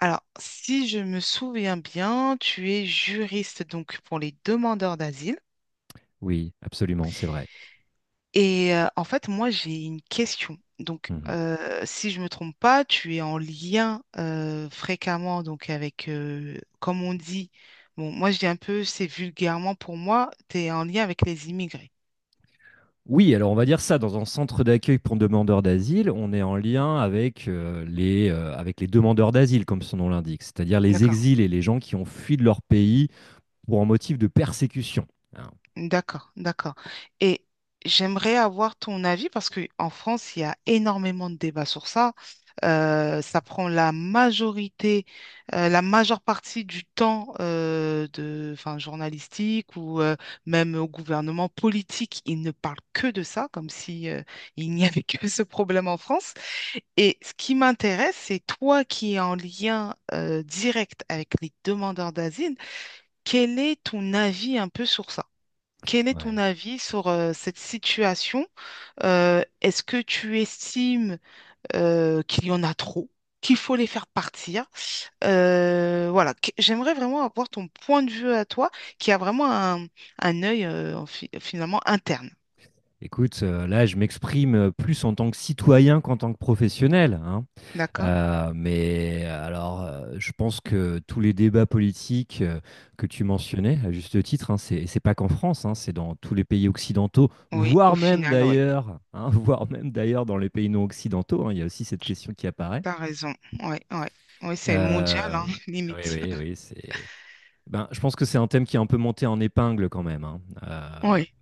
Alors, si je me souviens bien, tu es juriste donc pour les demandeurs d'asile. Oui, absolument, c'est vrai. Et en fait, moi, j'ai une question. Donc, Mhm. Si je me trompe pas, tu es en lien fréquemment donc avec, comme on dit, bon, moi je dis un peu, c'est vulgairement pour moi, tu es en lien avec les immigrés. Oui, alors on va dire ça, dans un centre d'accueil pour demandeurs d'asile, on est en lien avec, avec les demandeurs d'asile, comme son nom l'indique, c'est-à-dire les D'accord. exils et les gens qui ont fui de leur pays pour un motif de persécution. Ah, D'accord, d'accord. Et j'aimerais avoir ton avis parce qu'en France, il y a énormément de débats sur ça. Ça prend la majorité, la majeure partie du temps de, enfin, journalistique ou même au gouvernement politique. Ils ne parlent que de ça, comme si il n'y avait que ce problème en France. Et ce qui m'intéresse, c'est toi qui es en lien direct avec les demandeurs d'asile, quel est ton avis un peu sur ça? Quel est ton ouais. avis sur cette situation? Est-ce que tu estimes qu'il y en a trop, qu'il faut les faire partir? Voilà, j'aimerais vraiment avoir ton point de vue à toi, qui a vraiment un œil en finalement interne. Écoute, là, je m'exprime plus en tant que citoyen qu'en tant que professionnel, hein. D'accord? Je pense que tous les débats politiques que tu mentionnais, à juste titre, hein, c'est pas qu'en France, hein, c'est dans tous les pays occidentaux, Oui, au voire même final, oui. d'ailleurs, hein, voire même d'ailleurs dans les pays non occidentaux, hein, il y a aussi cette question qui apparaît. T'as raison. Oui, oui. Oui, c'est mondial, Euh, hein, oui, limite. oui, oui, c'est. Ben, je pense que c'est un thème qui est un peu monté en épingle quand même, hein. Oui,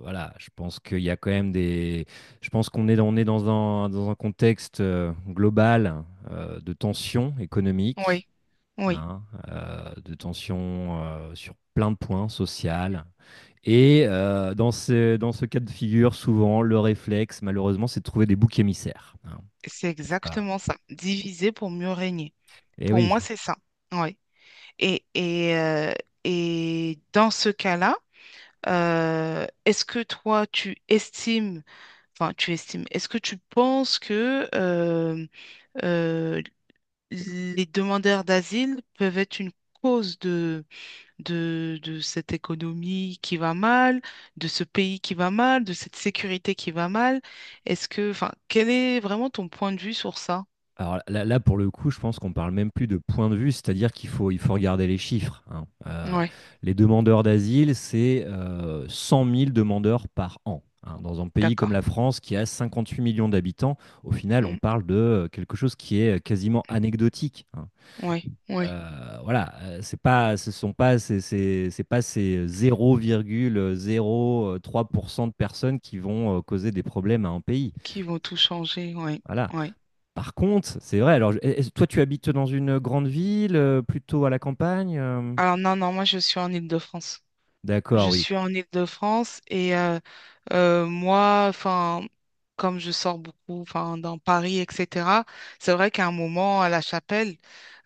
Voilà, je pense qu'il y a quand même des. Je pense qu'on est, on est dans un contexte global de tension économique, oui, oui. hein, de tension sur plein de points sociales. Et dans dans ce cas de figure, souvent, le réflexe, malheureusement, c'est de trouver des boucs émissaires, hein, C'est n'est-ce pas? exactement ça. Diviser pour mieux régner. Et Pour moi, oui. c'est ça. Oui. Et, et, euh, et dans ce cas-là, est-ce que toi, tu estimes, enfin, tu estimes, est-ce que tu penses que euh, les demandeurs d'asile peuvent être une cause de cette économie qui va mal, de ce pays qui va mal, de cette sécurité qui va mal? Est-ce que, enfin, quel est vraiment ton point de vue sur ça? Alors là, pour le coup, je pense qu'on parle même plus de point de vue, c'est-à-dire il faut regarder les chiffres, hein. Oui, Les demandeurs d'asile, c'est 100 000 demandeurs par an, hein. Dans un pays comme d'accord. la France, qui a 58 millions d'habitants, au final, on parle de quelque chose qui est quasiment anecdotique, hein. Oui, oui, Voilà, c'est pas, ce sont pas, ces- ces- c'est pas ces zéro zéro virgule zéro trois pour cent de personnes qui vont causer des problèmes à un pays. qui vont tout changer, oui, Voilà, oui. par contre, c'est vrai. Alors, toi, tu habites dans une grande ville, plutôt à la campagne? Alors non, non, moi je suis en Île-de-France. D'accord, Je oui. suis en Île-de-France et moi, enfin, comme je sors beaucoup, enfin, dans Paris, etc., c'est vrai qu'à un moment, à La Chapelle,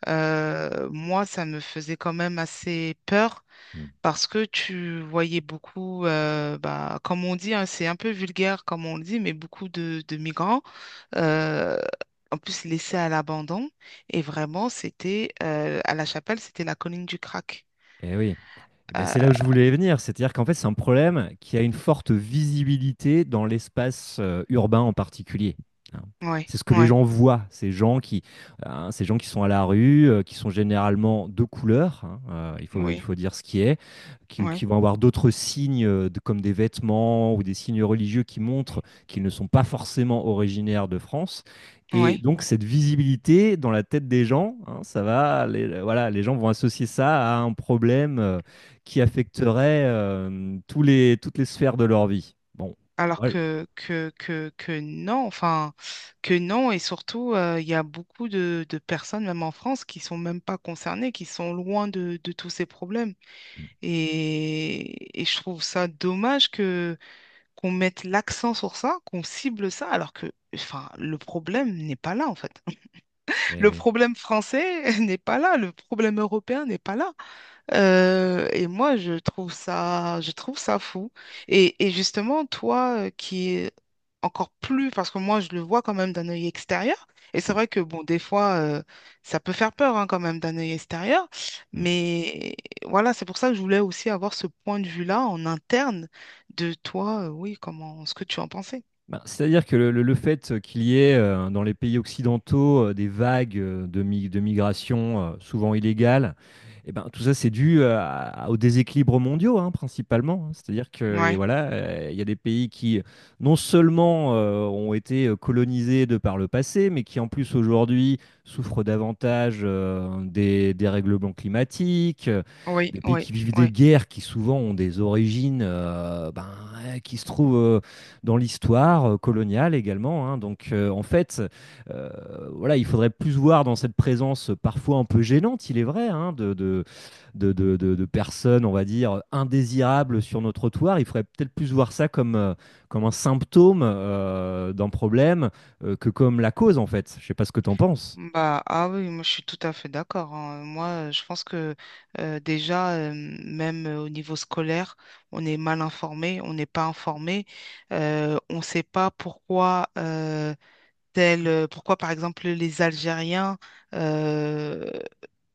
moi, ça me faisait quand même assez peur Hmm. parce que tu voyais beaucoup, bah, comme on dit, hein, c'est un peu vulgaire comme on le dit, mais beaucoup de migrants, euh, en plus laissés à l'abandon. Et vraiment, c'était, à La Chapelle, c'était la colline du crack. Eh oui. Eh ben, c'est là où je voulais venir. C'est-à-dire qu'en fait, c'est un problème qui a une forte visibilité dans l'espace urbain en particulier, hein. Oui, C'est ce que les oui, gens voient, ces gens qui sont à la rue, qui sont généralement de couleur, hein, il oui, faut dire ce qui est, qui, ou qui oui, vont avoir d'autres signes comme des vêtements ou des signes religieux qui montrent qu'ils ne sont pas forcément originaires de France. Et oui. donc, cette visibilité dans la tête des gens, hein, ça va, les, voilà, les gens vont associer ça à un problème qui affecterait toutes les sphères de leur vie. Bon, Alors ouais, que non, enfin, que non, et surtout, il y a beaucoup de personnes, même en France, qui sont même pas concernées, qui sont loin de tous ces problèmes. Et je trouve ça dommage que qu'on mette l'accent sur ça, qu'on cible ça, alors que, enfin, le problème n'est pas là, en fait. eh Le oui. problème français n'est pas là, le problème européen n'est pas là. Et moi, je trouve ça fou. Et justement, toi, qui est encore plus, parce que moi, je le vois quand même d'un œil extérieur. Et c'est Mm, vrai que, bon, des fois, ça peut faire peur, hein, quand même, d'un œil extérieur. mm. Mais voilà, c'est pour ça que je voulais aussi avoir ce point de vue-là en interne de toi. Euh, oui, comment, ce que tu en pensais. Ben, c'est-à-dire que le fait qu'il y ait dans les pays occidentaux des vagues de migration souvent illégales, eh ben, tout ça c'est dû aux déséquilibres mondiaux, hein, principalement, hein. C'est-à-dire que et Ouais, voilà, il y a des pays qui non seulement ont été colonisés de par le passé, mais qui en plus aujourd'hui souffrent davantage des dérèglements climatiques, oui, des pays oui, qui vivent des oui. guerres qui souvent ont des origines qui se trouvent dans l'histoire coloniale également, hein. Donc, euh, voilà, il faudrait plus voir dans cette présence parfois un peu gênante, il est vrai, hein, de personnes, on va dire, indésirables sur nos trottoirs. Il faudrait peut-être plus voir ça comme, comme un symptôme d'un problème que comme la cause, en fait. Je sais pas ce que tu en penses. Bah, ah oui, moi je suis tout à fait d'accord, hein. Moi, je pense que déjà, même au niveau scolaire, on est mal informé, on n'est pas informé, on ne sait pas pourquoi, tel, pourquoi par exemple les Algériens euh,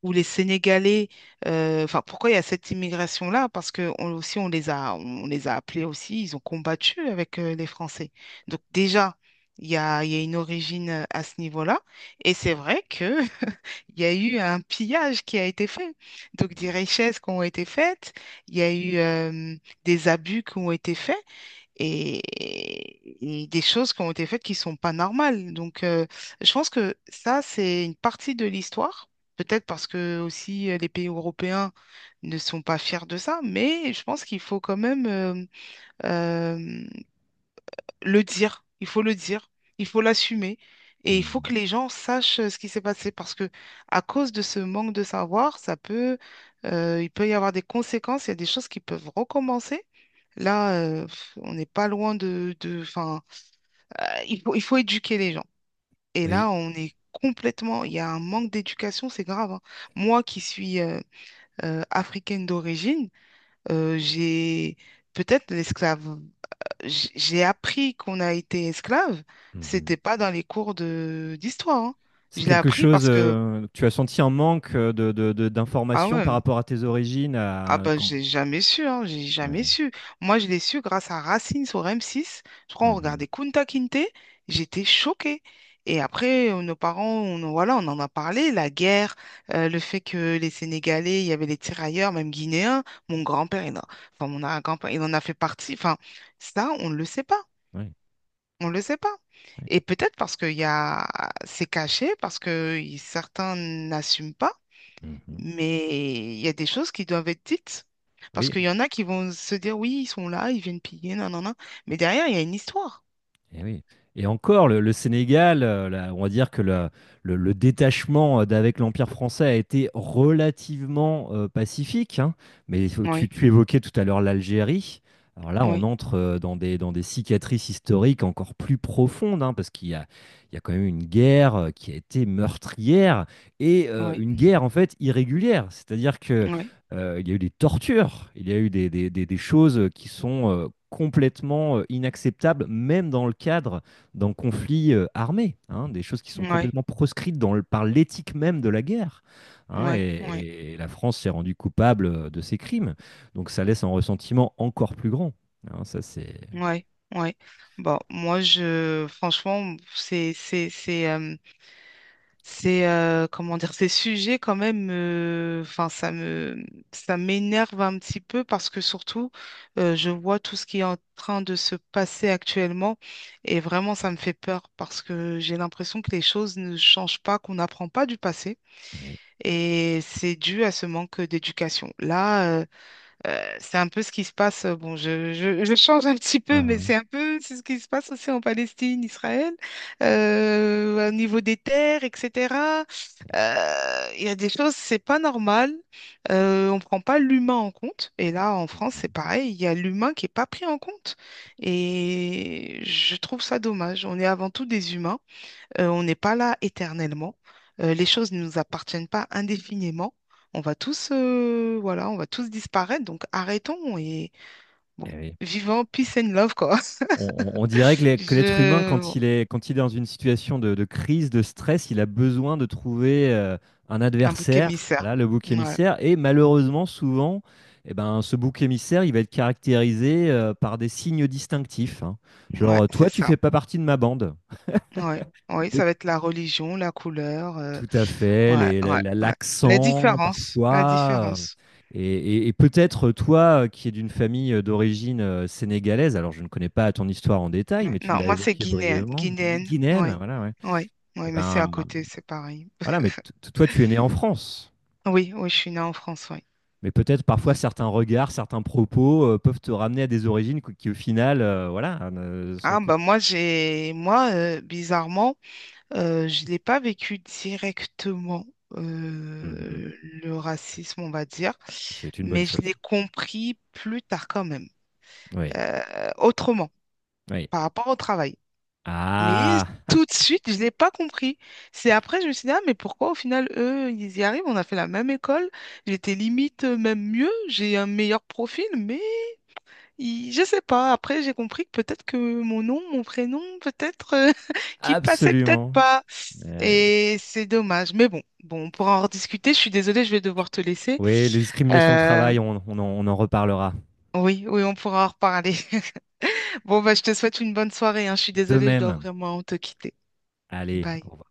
ou les Sénégalais, enfin pourquoi il y a cette immigration-là? Parce que aussi on les a appelés aussi, ils ont combattu avec les Français. Donc déjà, il y a une origine à ce niveau-là. Et c'est vrai que il y a eu un pillage qui a été fait. Donc des richesses qui ont été faites, il y a eu des abus qui ont été faits et des choses qui ont été faites qui sont pas normales. Donc, je pense que ça, c'est une partie de l'histoire. Peut-être parce que aussi les pays européens ne sont pas fiers de ça, mais je pense qu'il faut quand même euh, le dire, il faut le dire, il faut l'assumer et il faut Mhm. que les gens sachent ce qui s'est passé parce que à cause de ce manque de savoir, il peut y avoir des conséquences, il y a des choses qui peuvent recommencer. Là, on n'est pas loin enfin, il faut éduquer les gens. Et Oui. là, on est complètement, il y a un manque d'éducation, c'est grave, hein. Moi qui suis africaine d'origine, j'ai peut-être l'esclave j'ai appris qu'on a été esclave, Mhm. c'était pas dans les cours de d'histoire, hein. C'est Je l'ai quelque appris chose, parce que tu as senti un manque ah d'informations ouais, par rapport à tes origines, ah à... bah quand- j'ai jamais su, hein, j'ai jamais Ouais. su. Moi, je l'ai su grâce à Racine sur M6. Je crois on Mhm. regardait Kunta Kinte, j'étais choquée. Et après, nos parents, on, voilà, on en a parlé, la guerre, le fait que les Sénégalais, il y avait les tirailleurs, même guinéens. Mon grand-père, il en- Enfin mon grand-père, il en a fait partie. Enfin, ça, on ne le sait pas. Ouais. On ne le sait pas. Ouais. Et peut-être parce qu'c'est caché, parce que certains n'assument pas, Mhm. mais il y a des choses qui doivent être dites. Parce Oui, qu'il y en a qui vont se dire, oui, ils sont là, ils viennent piller, non, non, non. Mais derrière, il y a une histoire. et oui. Et encore, le Sénégal, on va dire que le détachement d'avec l'Empire français a été relativement pacifique, hein. Mais Oui, tu évoquais tout à l'heure l'Algérie. Alors là, on oui, entre dans des cicatrices historiques encore plus profondes, hein, parce qu'il y a, il y a quand même une guerre qui a été meurtrière et oui, une guerre en fait irrégulière. C'est-à-dire que oui, il y a eu des tortures, il y a eu des choses qui sont complètement inacceptables, même dans le cadre d'un conflit armé, hein, des choses qui sont oui, complètement proscrites par l'éthique même de la guerre, hein. oui, oui, Et la France s'est rendue coupable de ces crimes. Donc ça laisse un ressentiment encore plus grand, hein, ça, c'est. oui, oui. Bon, moi, franchement, c'est comment dire, ces sujets quand même, enfin ça m'énerve un petit peu parce que surtout, je vois tout ce qui est en train de se passer actuellement et vraiment ça me fait peur parce que j'ai l'impression que les choses ne changent pas, qu'on n'apprend pas du passé Oui. et c'est dû à ce manque d'éducation. Là, c'est un peu ce qui se passe. Bon, je change un petit peu, mais Uhum. c'est un peu c'est ce qui se passe aussi en Palestine, Israël, au niveau des terres, etc. Il y a des choses, c'est pas normal. On prend pas l'humain en compte. Et là, en Eh, France, c'est mhm. pareil. Il y a l'humain qui est pas pris en compte. Et je trouve ça dommage. On est avant tout des humains. On n'est pas là éternellement. Les choses ne nous appartiennent pas indéfiniment. On va tous, voilà, on va tous disparaître. Donc arrêtons et bon, Eh oui. vivons peace and love quoi. On, on dirait que que l'être humain, Je, bon, quand il est dans une situation de crise, de stress, il a besoin de trouver un un bouc adversaire, émissaire. voilà, le bouc Ouais, émissaire. Et malheureusement, souvent, eh ben, ce bouc émissaire, il va être caractérisé par des signes distinctifs, hein. ouais, Genre, toi, c'est tu ça. fais pas partie de ma bande. Ouais, ouais, ça va être la religion, la couleur. Euh, Tout à fait, ouais, ouais, ouais. La l'accent différence, la parfois. Différence. Et, et peut-être toi qui es d'une famille d'origine sénégalaise, alors je ne connais pas ton histoire en détail, Ouais. mais tu Non, l'as moi c'est évoqué guinéenne, brièvement, guinéenne. guinéenne, Ouais, voilà, ouais. ouais, Et ouais, mais c'est à ben côté, c'est pareil. voilà, mais toi tu es né en France, Oui, oui, je suis née en France, oui. mais peut-être parfois Ouais. certains regards, certains propos peuvent te ramener à des origines qui, au final, ne sont Ah bah moi j'ai moi bizarrement je l'ai pas vécu directement Mhm. euh, le racisme on va dire C'est une bonne mais je chose. l'ai compris plus tard quand même Oui, autrement oui. par rapport au travail mais Ah, tout de suite je l'ai pas compris, c'est après je me suis dit ah mais pourquoi au final eux ils y arrivent, on a fait la même école, j'étais limite même mieux, j'ai un meilleur profil mais je sais pas. Après, j'ai compris que peut-être que mon nom, mon prénom, peut-être qui passait peut-être absolument. pas. Eh oui. Et c'est dommage. Mais bon, bon, on pourra en rediscuter. Je suis désolée, je vais devoir te laisser. Oui, les discriminations au Euh, travail, on en reparlera. oui, oui, on pourra en reparler. Bon, bah, je te souhaite une bonne soirée, hein. Je suis De désolée, je dois même. vraiment te quitter. Allez, Bye. au revoir.